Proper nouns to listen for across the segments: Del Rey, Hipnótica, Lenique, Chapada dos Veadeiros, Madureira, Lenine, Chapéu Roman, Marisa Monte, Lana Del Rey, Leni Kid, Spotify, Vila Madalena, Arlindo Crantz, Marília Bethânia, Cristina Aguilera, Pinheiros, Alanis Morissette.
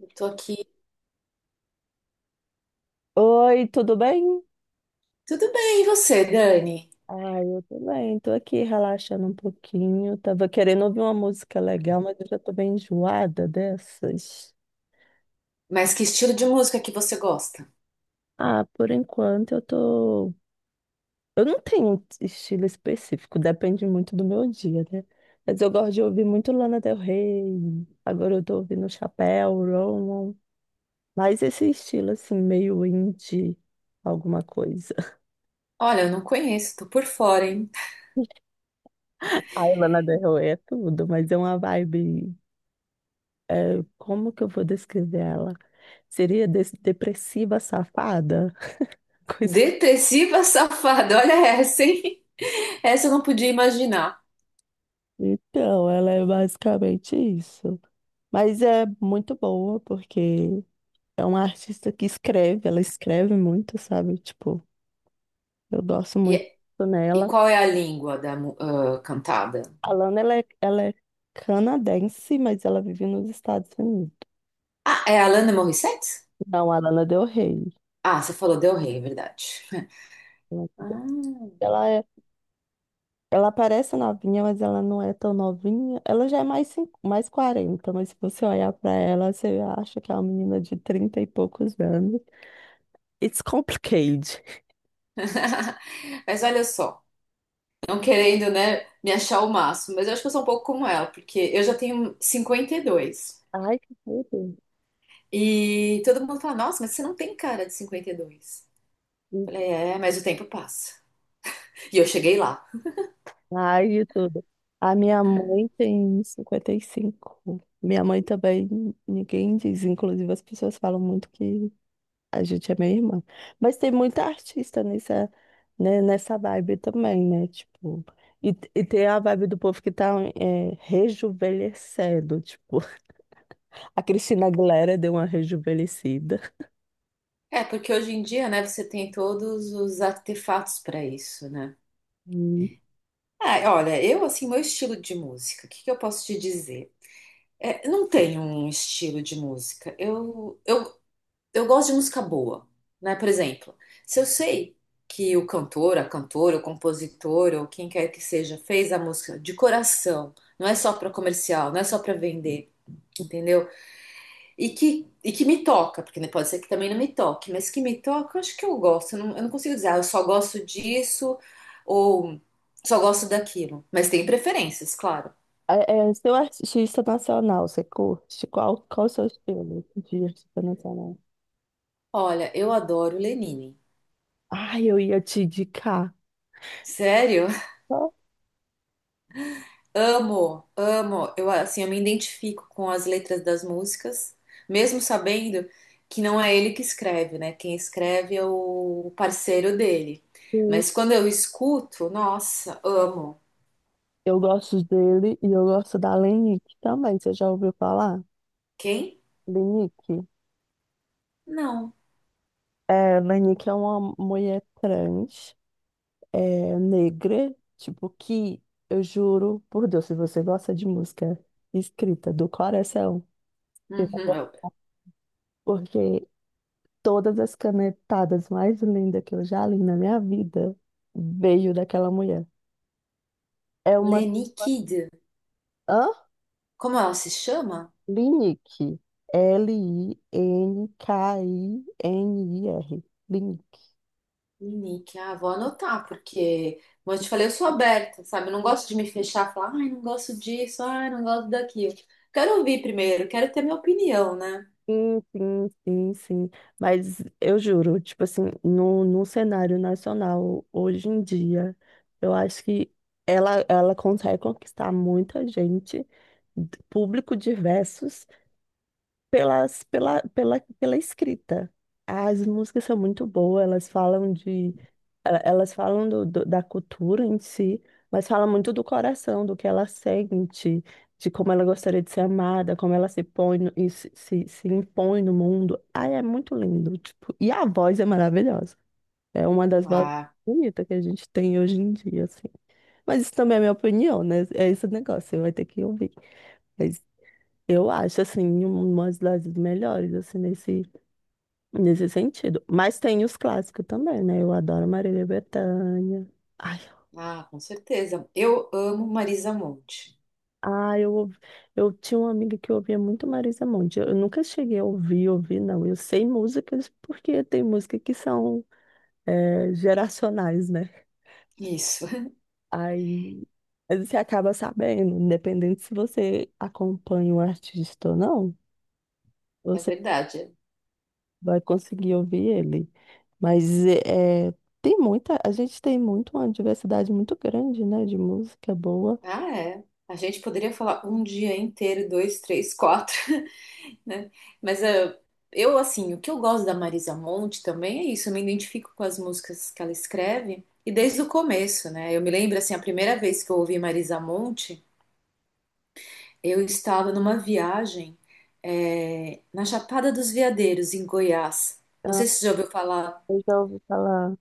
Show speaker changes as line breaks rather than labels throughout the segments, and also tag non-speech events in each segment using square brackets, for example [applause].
Eu tô aqui.
Oi, tudo bem?
Tudo bem, e você, Dani?
Ah, eu tô bem, tô aqui relaxando um pouquinho. Tava querendo ouvir uma música legal, mas eu já tô bem enjoada dessas.
Mas que estilo de música que você gosta?
Ah, por enquanto eu tô. Eu não tenho um estilo específico, depende muito do meu dia, né? Mas eu gosto de ouvir muito Lana Del Rey. Agora eu tô ouvindo Chapéu, Roman. Mas esse estilo, assim, meio indie, alguma coisa. [laughs]
Olha, eu não conheço, tô por fora, hein?
Ai, Lana Del Rey é tudo, mas é uma vibe. É, como que eu vou descrever ela? Seria depressiva safada? [laughs] Coisa.
Depressiva safada, [laughs] olha essa, hein? Essa eu não podia imaginar.
Então, ela é basicamente isso. Mas é muito boa, porque é uma artista que escreve, ela escreve muito, sabe? Tipo, eu gosto
E,
muito
e
nela.
qual é a língua da cantada?
A Lana, ela é canadense, mas ela vive nos Estados Unidos.
Ah, é a Alanis Morissette?
Não, a Lana Del Rey.
Ah, você falou Del Rey, é verdade. [laughs] Ah.
Ela é Ela parece novinha, mas ela não é tão novinha. Ela já é mais 40, mas se você olhar pra ela, você acha que é uma menina de 30 e poucos anos. It's complicated.
[laughs] Mas olha só, não querendo, né, me achar o máximo, mas eu acho que eu sou um pouco como ela, porque eu já tenho 52.
Ai, que tudo.
E todo mundo fala, nossa, mas você não tem cara de 52. Falei, é, mas o tempo passa. E eu cheguei lá.
Ai, de tudo. A minha mãe tem 55. Minha mãe também, ninguém diz. Inclusive, as pessoas falam muito que a gente é meio irmã. Mas tem muita artista nessa, né, nessa vibe também, né? Tipo, e tem a vibe do povo que tá rejuvenescendo. Tipo, [laughs] a Cristina Aguilera deu uma rejuvenescida.
É, porque hoje em dia, né, você tem todos os artefatos para isso, né?
Hum.
Ah, olha, eu, assim, meu estilo de música, o que que eu posso te dizer? É, não tenho um estilo de música. Eu gosto de música boa, né? Por exemplo, se eu sei que o cantor, a cantora, o compositor, ou quem quer que seja, fez a música de coração, não é só para comercial, não é só para vender, entendeu? E que me toca, porque né, pode ser que também não me toque, mas que me toca, eu acho que eu gosto. Eu não consigo dizer, ah, eu só gosto disso ou só gosto daquilo. Mas tem preferências, claro.
É, seu artista nacional, você curte? Qual o seu estilo de artista nacional?
Olha, eu adoro Lenine.
Ai, eu ia te indicar.
Sério?
Só
[laughs] Amo, amo. Eu, assim, eu me identifico com as letras das músicas, mesmo sabendo que não é ele que escreve, né? Quem escreve é o parceiro dele.
que
Mas quando eu escuto, nossa, amo.
eu gosto dele e eu gosto da Lenique também. Você já ouviu falar?
Quem?
Lenique?
Não.
É, Lanik é uma mulher trans, é, negra, tipo, que eu juro por Deus, se você gosta de música escrita do coração, você vai
Uhum,
gostar, porque todas as canetadas mais lindas que eu já li na minha vida veio daquela mulher. É uma.
Leni Kid.
Hã?
Como ela se chama?
Linick. Linkinir. Linick.
Leni, Kid. Ah, vou anotar, porque, como eu te falei, eu sou aberta, sabe? Eu não gosto de me fechar, falar, ai, não gosto disso, ai, não gosto daquilo. Quero ouvir primeiro, quero ter minha opinião, né?
Sim, sim, sim, sim. Mas eu juro, tipo assim, no cenário nacional, hoje em dia, eu acho que ela consegue conquistar muita gente, público diversos, pela escrita. As músicas são muito boas, elas falam da cultura em si, mas falam muito do coração, do que ela sente, de como ela gostaria de ser amada, como ela se põe e se impõe no mundo. Ai, é muito lindo, tipo, e a voz é maravilhosa. É uma das vozes
Ah,
bonitas que a gente tem hoje em dia, assim. Mas isso também é minha opinião, né? É esse negócio, você vai ter que ouvir. Mas eu acho, assim, uma das melhores, assim, nesse sentido. Mas tem os clássicos também, né? Eu adoro Marília Bethânia. Ai,
ah, com certeza. Eu amo Marisa Monte.
ai, eu tinha uma amiga que ouvia muito Marisa Monte. Eu nunca cheguei a ouvir, ouvir, não. Eu sei músicas porque tem músicas que são geracionais, né?
Isso,
Aí você acaba sabendo, independente se você acompanha o artista ou não.
[laughs] é
Você
verdade.
vai conseguir ouvir ele. Mas tem muita, a gente tem muito uma diversidade muito grande, né, de música boa.
Ah, é. A gente poderia falar um dia inteiro, dois, três, quatro, né? Mas eu, assim, o que eu gosto da Marisa Monte também é isso, eu me identifico com as músicas que ela escreve, e desde o começo, né? Eu me lembro, assim, a primeira vez que eu ouvi Marisa Monte, eu estava numa viagem, na Chapada dos Veadeiros, em Goiás. Não
Ah,
sei se você já ouviu falar.
eu já ouvi falar.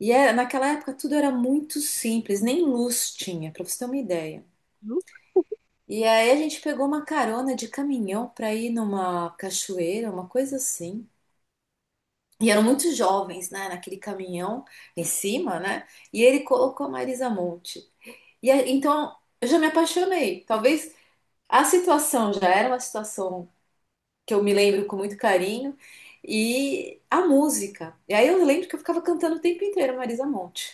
E é, naquela época tudo era muito simples, nem luz tinha, para você ter uma ideia.
Hum?
E aí a gente pegou uma carona de caminhão para ir numa cachoeira, uma coisa assim. E eram muitos jovens, né, naquele caminhão em cima, né? E ele colocou a Marisa Monte. E aí, então eu já me apaixonei. Talvez a situação já era uma situação que eu me lembro com muito carinho e a música. E aí eu lembro que eu ficava cantando o tempo inteiro Marisa Monte.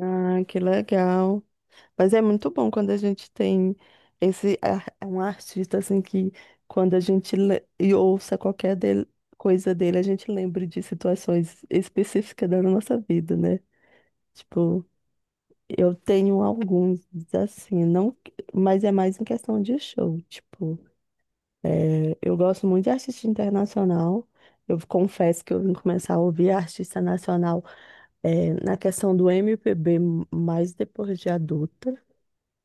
Ah, que legal. Mas é muito bom quando a gente tem um artista assim que quando a gente ouça qualquer coisa dele, a gente lembra de situações específicas da nossa vida, né? Tipo, eu tenho alguns assim, não, mas é mais em questão de show, tipo. É, eu gosto muito de artista internacional. Eu confesso que eu vim começar a ouvir artista nacional na questão do MPB mais depois de adulta.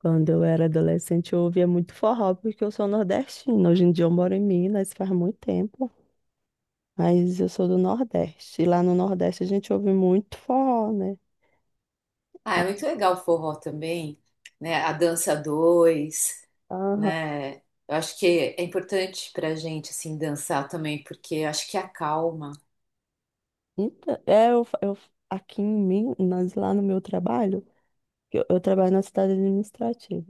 Quando eu era adolescente, eu ouvia muito forró, porque eu sou nordestina. Hoje em dia eu moro em Minas, faz muito tempo, mas eu sou do Nordeste. E lá no Nordeste a gente ouve muito forró, né?
Ah, é muito legal o forró também, né? A dança dois,
Aham.
né? Eu acho que é importante pra gente assim dançar também, porque eu acho que acalma.
Então, aqui em Minas, lá no meu trabalho, eu trabalho na cidade administrativa.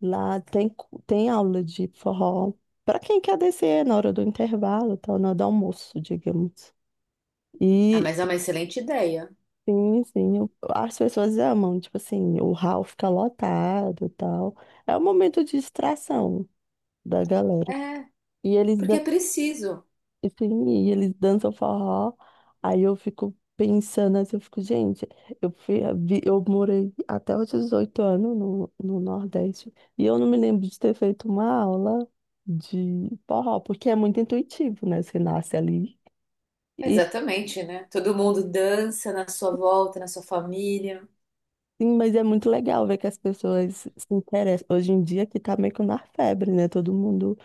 Lá tem aula de forró para quem quer descer na hora do intervalo, tal, na hora do almoço, digamos.
Ah,
E
mas é uma excelente ideia.
sim, sim, as pessoas amam, tipo assim, o hall fica lotado, e tal. É um momento de distração da galera.
É,
E eles.
porque é preciso.
E sim, e eles dançam forró. Aí eu fico pensando assim, eu fico, gente, eu morei até os 18 anos no Nordeste. E eu não me lembro de ter feito uma aula de forró, porque é muito intuitivo, né? Você nasce ali. E
Exatamente, né? Todo mundo dança na sua volta, na sua família.
sim, mas é muito legal ver que as pessoas se interessam. Hoje em dia que tá meio que na febre, né? Todo mundo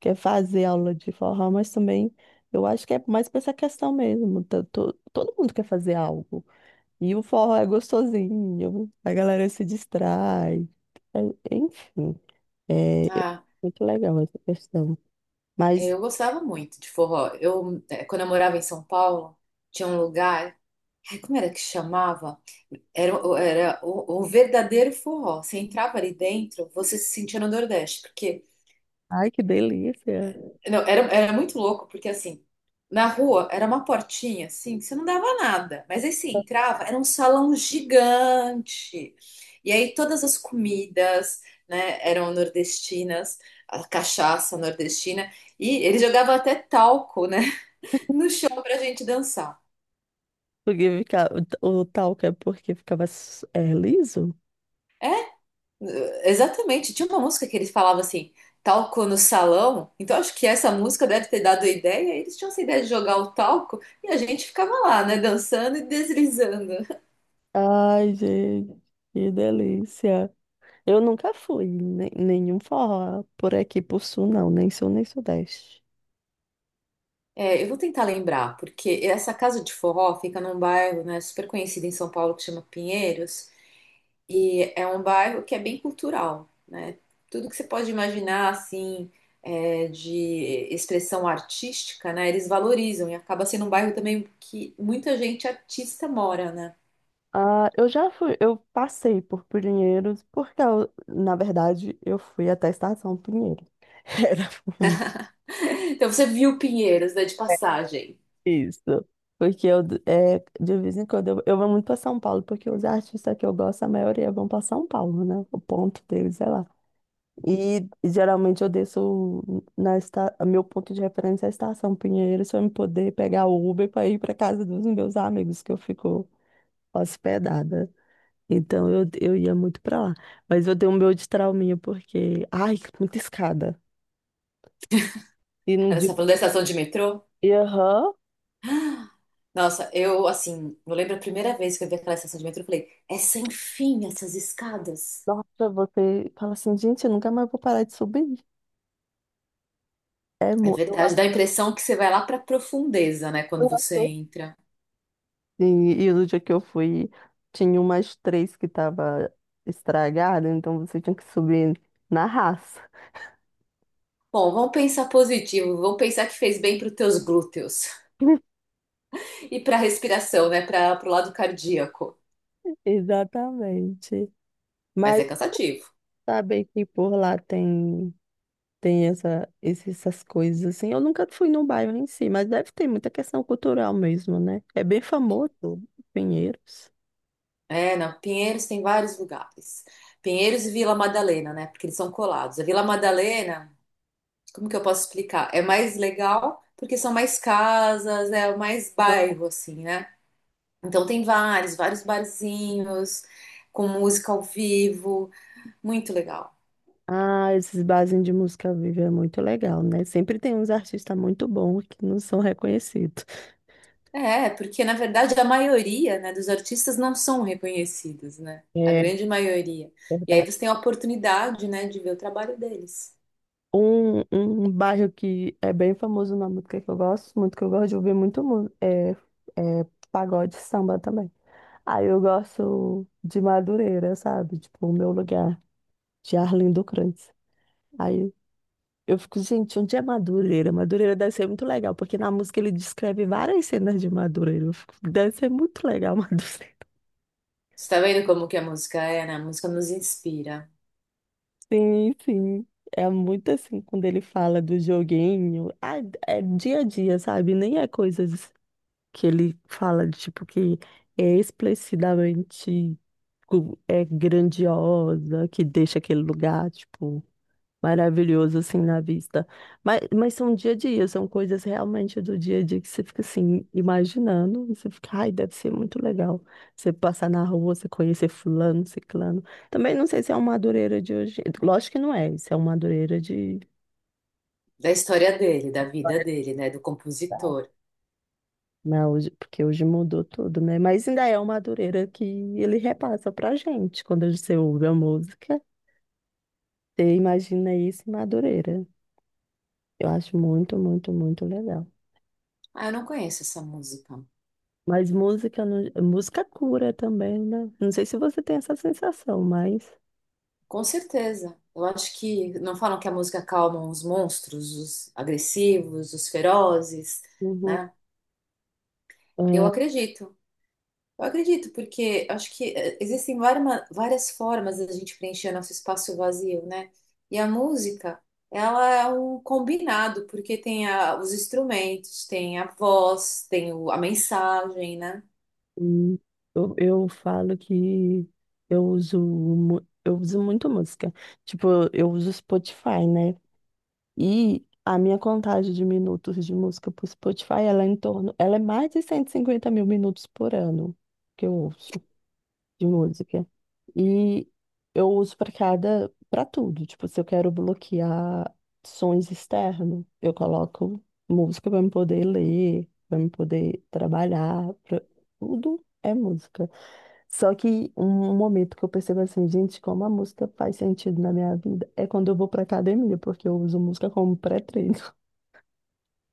quer fazer aula de forró, mas também eu acho que é mais pra essa questão mesmo. Todo mundo quer fazer algo. E o forró é gostosinho, a galera se distrai. É- Enfim, é
Ah,
muito legal essa questão. Mas,
eu gostava muito de forró. Quando eu morava em São Paulo, tinha um lugar, ai, como era que chamava? Era, era um, verdadeiro forró. Você entrava ali dentro, você se sentia no Nordeste, porque.
ai, que delícia!
Não, era muito louco, porque assim, na rua era uma portinha, assim, que você não dava nada. Mas aí você entrava, era um salão gigante. E aí todas as comidas, né, eram nordestinas, a cachaça nordestina. E ele jogava até talco, né, [laughs] no chão pra gente dançar.
Porque fica, o talco é porque ficava liso?
Exatamente. Tinha uma música que eles falavam assim, talco no salão. Então acho que essa música deve ter dado a ideia. Eles tinham essa ideia de jogar o talco e a gente ficava lá, né, dançando e deslizando.
Ai, gente, que delícia! Eu nunca fui em nenhum forró por aqui, por sul, não, nem sul, nem sudeste.
É, eu vou tentar lembrar, porque essa casa de forró fica num bairro, né, super conhecido em São Paulo que chama Pinheiros, e é um bairro que é bem cultural, né? Tudo que você pode imaginar, assim, é, de expressão artística, né, eles valorizam e acaba sendo um bairro também que muita gente artista mora, né?
Ah, eu já fui, eu passei por Pinheiros, porque na verdade eu fui até a Estação Pinheiros. [laughs] Era.
Então você viu Pinheiros, né, de passagem.
Isso. Porque de vez em quando, eu vou muito para São Paulo, porque os artistas que eu gosto, a maioria vão para São Paulo, né? O ponto deles é lá. E geralmente eu desço meu ponto de referência é a Estação Pinheiros, para eu poder pegar o Uber para ir para casa dos meus amigos, que eu fico hospedada. Então eu ia muito para lá. Mas eu dei um meu de trauminha, porque, ai, muita escada. E no
Aí, você
dia.
tá falando da estação de metrô?
E, aham,
Nossa, eu, assim, eu lembro a primeira vez que eu vi aquela estação de metrô, eu falei, é sem fim essas escadas.
nossa, você fala assim, gente, eu nunca mais vou parar de subir. É,
É
eu
verdade,
acho
dá a impressão que você vai lá para profundeza, né,
eu
quando você
acho
entra.
assim. E no dia que eu fui, tinha umas três que tava estragada, então você tinha que subir na raça.
Bom, vamos pensar positivo, vamos pensar que fez bem para os teus glúteos
[laughs]
[laughs] e para a respiração, né, para o lado cardíaco.
Exatamente.
Mas
Mas
é cansativo.
saber que por lá tem essa, essas coisas assim. Eu nunca fui no bairro em si, mas deve ter muita questão cultural mesmo, né? É bem famoso, Pinheiros.
É, não, Pinheiros tem vários lugares. Pinheiros e Vila Madalena, né, porque eles são colados. A Vila Madalena, como que eu posso explicar? É mais legal porque são mais casas, é mais bairro, assim, né? Então tem vários, vários barzinhos com música ao vivo, muito legal.
Ah, esses barzinhos de música viva é muito legal, né? Sempre tem uns artistas muito bons que não são reconhecidos.
É, porque na verdade a maioria, né, dos artistas não são reconhecidos, né? A
É
grande maioria. E aí
verdade.
você tem a oportunidade, né, de ver o trabalho deles.
Um bairro que é bem famoso na música que eu gosto muito, que eu gosto de ouvir muito é pagode e samba também. Aí eu gosto de Madureira, sabe? Tipo, o meu lugar, de Arlindo Crantz. Aí eu fico, gente, onde é Madureira? Madureira deve ser muito legal, porque na música ele descreve várias cenas de Madureira. Eu fico, deve ser muito legal, [laughs] Madureira.
Você tá vendo como que a música é, né? A música nos inspira.
Sim, sim. É muito assim quando ele fala do joguinho. Ah, é dia a dia, sabe? Nem é coisas. Que ele fala de tipo que é explicitamente tipo, é grandiosa, que deixa aquele lugar tipo maravilhoso assim na vista. Mas são dia a dia, são coisas realmente do dia a dia que você fica assim imaginando, e você fica, ai, deve ser muito legal. Você passar na rua, você conhecer fulano, ciclano. Também não sei se é uma madureira de hoje. Lógico que não é, isso é uma madureira de.
Da história dele, da vida dele, né? Do compositor.
Mas hoje, porque hoje mudou tudo, né? Mas ainda é uma Madureira que ele repassa pra gente. Quando você ouve a música, você imagina isso em Madureira. Eu acho muito, muito, muito legal.
Ah, eu não conheço essa música.
Mas música, música cura também, né? Não sei se você tem essa sensação, mas.
Com certeza. Eu acho que não falam que a música acalma os monstros, os agressivos, os ferozes,
Uhum.
né? Eu
é,
acredito. Eu acredito, porque acho que existem várias, várias formas da gente preencher nosso espaço vazio, né? E a música, ela é um combinado, porque tem os instrumentos, tem a voz, tem a mensagem, né?
hum, eu falo que eu uso muito música. Tipo, eu uso Spotify, né? E a minha contagem de minutos de música para o Spotify, ela é em torno, ela é mais de 150.000 minutos por ano que eu ouço de música. E eu uso para tudo. Tipo, se eu quero bloquear sons externos, eu coloco música para me poder ler, para me poder trabalhar, pra. Tudo é música. Só que um momento que eu percebo assim, gente, como a música faz sentido na minha vida é quando eu vou pra academia, porque eu uso música como pré-treino. [laughs]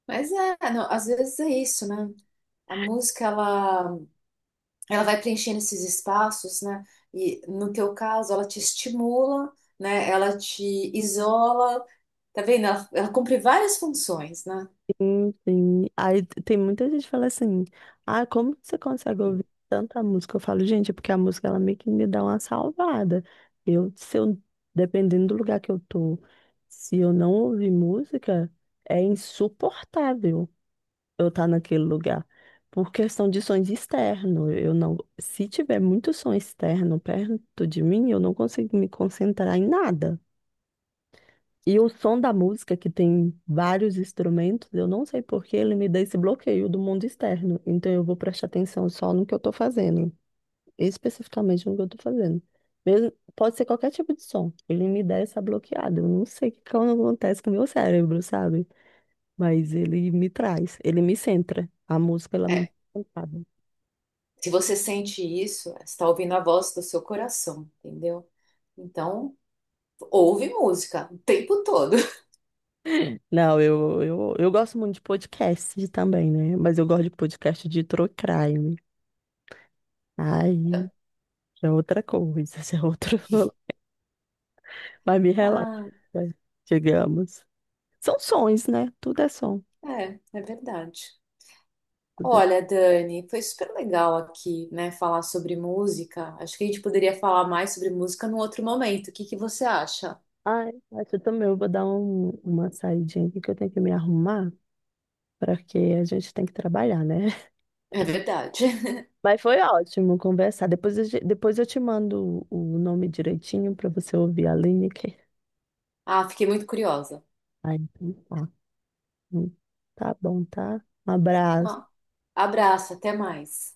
Mas é, não, às vezes é isso, né? A música, ela, vai preenchendo esses espaços, né? E no teu caso, ela te estimula, né? Ela te isola, tá vendo? Ela cumpre várias funções, né?
Sim, sim. Aí tem muita gente que fala assim, ah, como que você consegue ouvir tanta música? Eu falo, gente, é porque a música ela meio que me dá uma salvada. Eu, se eu, dependendo do lugar que eu tô, se eu não ouvir música, é insuportável. Eu estar naquele lugar. Por questão de sons externos, eu não, se tiver muito som externo perto de mim, eu não consigo me concentrar em nada. E o som da música, que tem vários instrumentos, eu não sei por que ele me dá esse bloqueio do mundo externo. Então eu vou prestar atenção só no que eu estou fazendo, especificamente no que eu estou fazendo. Mesmo, pode ser qualquer tipo de som, ele me dá essa bloqueada. Eu não sei o que que acontece com o meu cérebro, sabe? Mas ele me traz, ele me centra. A música, ela me
É,
centra.
se você sente isso, você está ouvindo a voz do seu coração, entendeu? Então, ouve música o tempo todo. [laughs]
Não, eu gosto muito de podcast também, né? Mas eu gosto de podcast de true crime. Aí, já é outra coisa, [laughs] já é outro. [laughs] Mas me relaxa,
Ah,
digamos. São sons, né? Tudo é som.
é verdade.
Tudo é.
Olha, Dani, foi super legal aqui, né, falar sobre música. Acho que a gente poderia falar mais sobre música num outro momento. O que que você acha?
Ai, mas eu também eu vou dar uma saidinha aqui que eu tenho que me arrumar, porque a gente tem que trabalhar, né?
É verdade. [laughs]
Mas foi ótimo conversar. Depois eu te mando o nome direitinho para você ouvir a Lineker.
Ah, fiquei muito curiosa.
Aí, então tá. Tá bom, tá? Um abraço.
Então, abraço, até mais.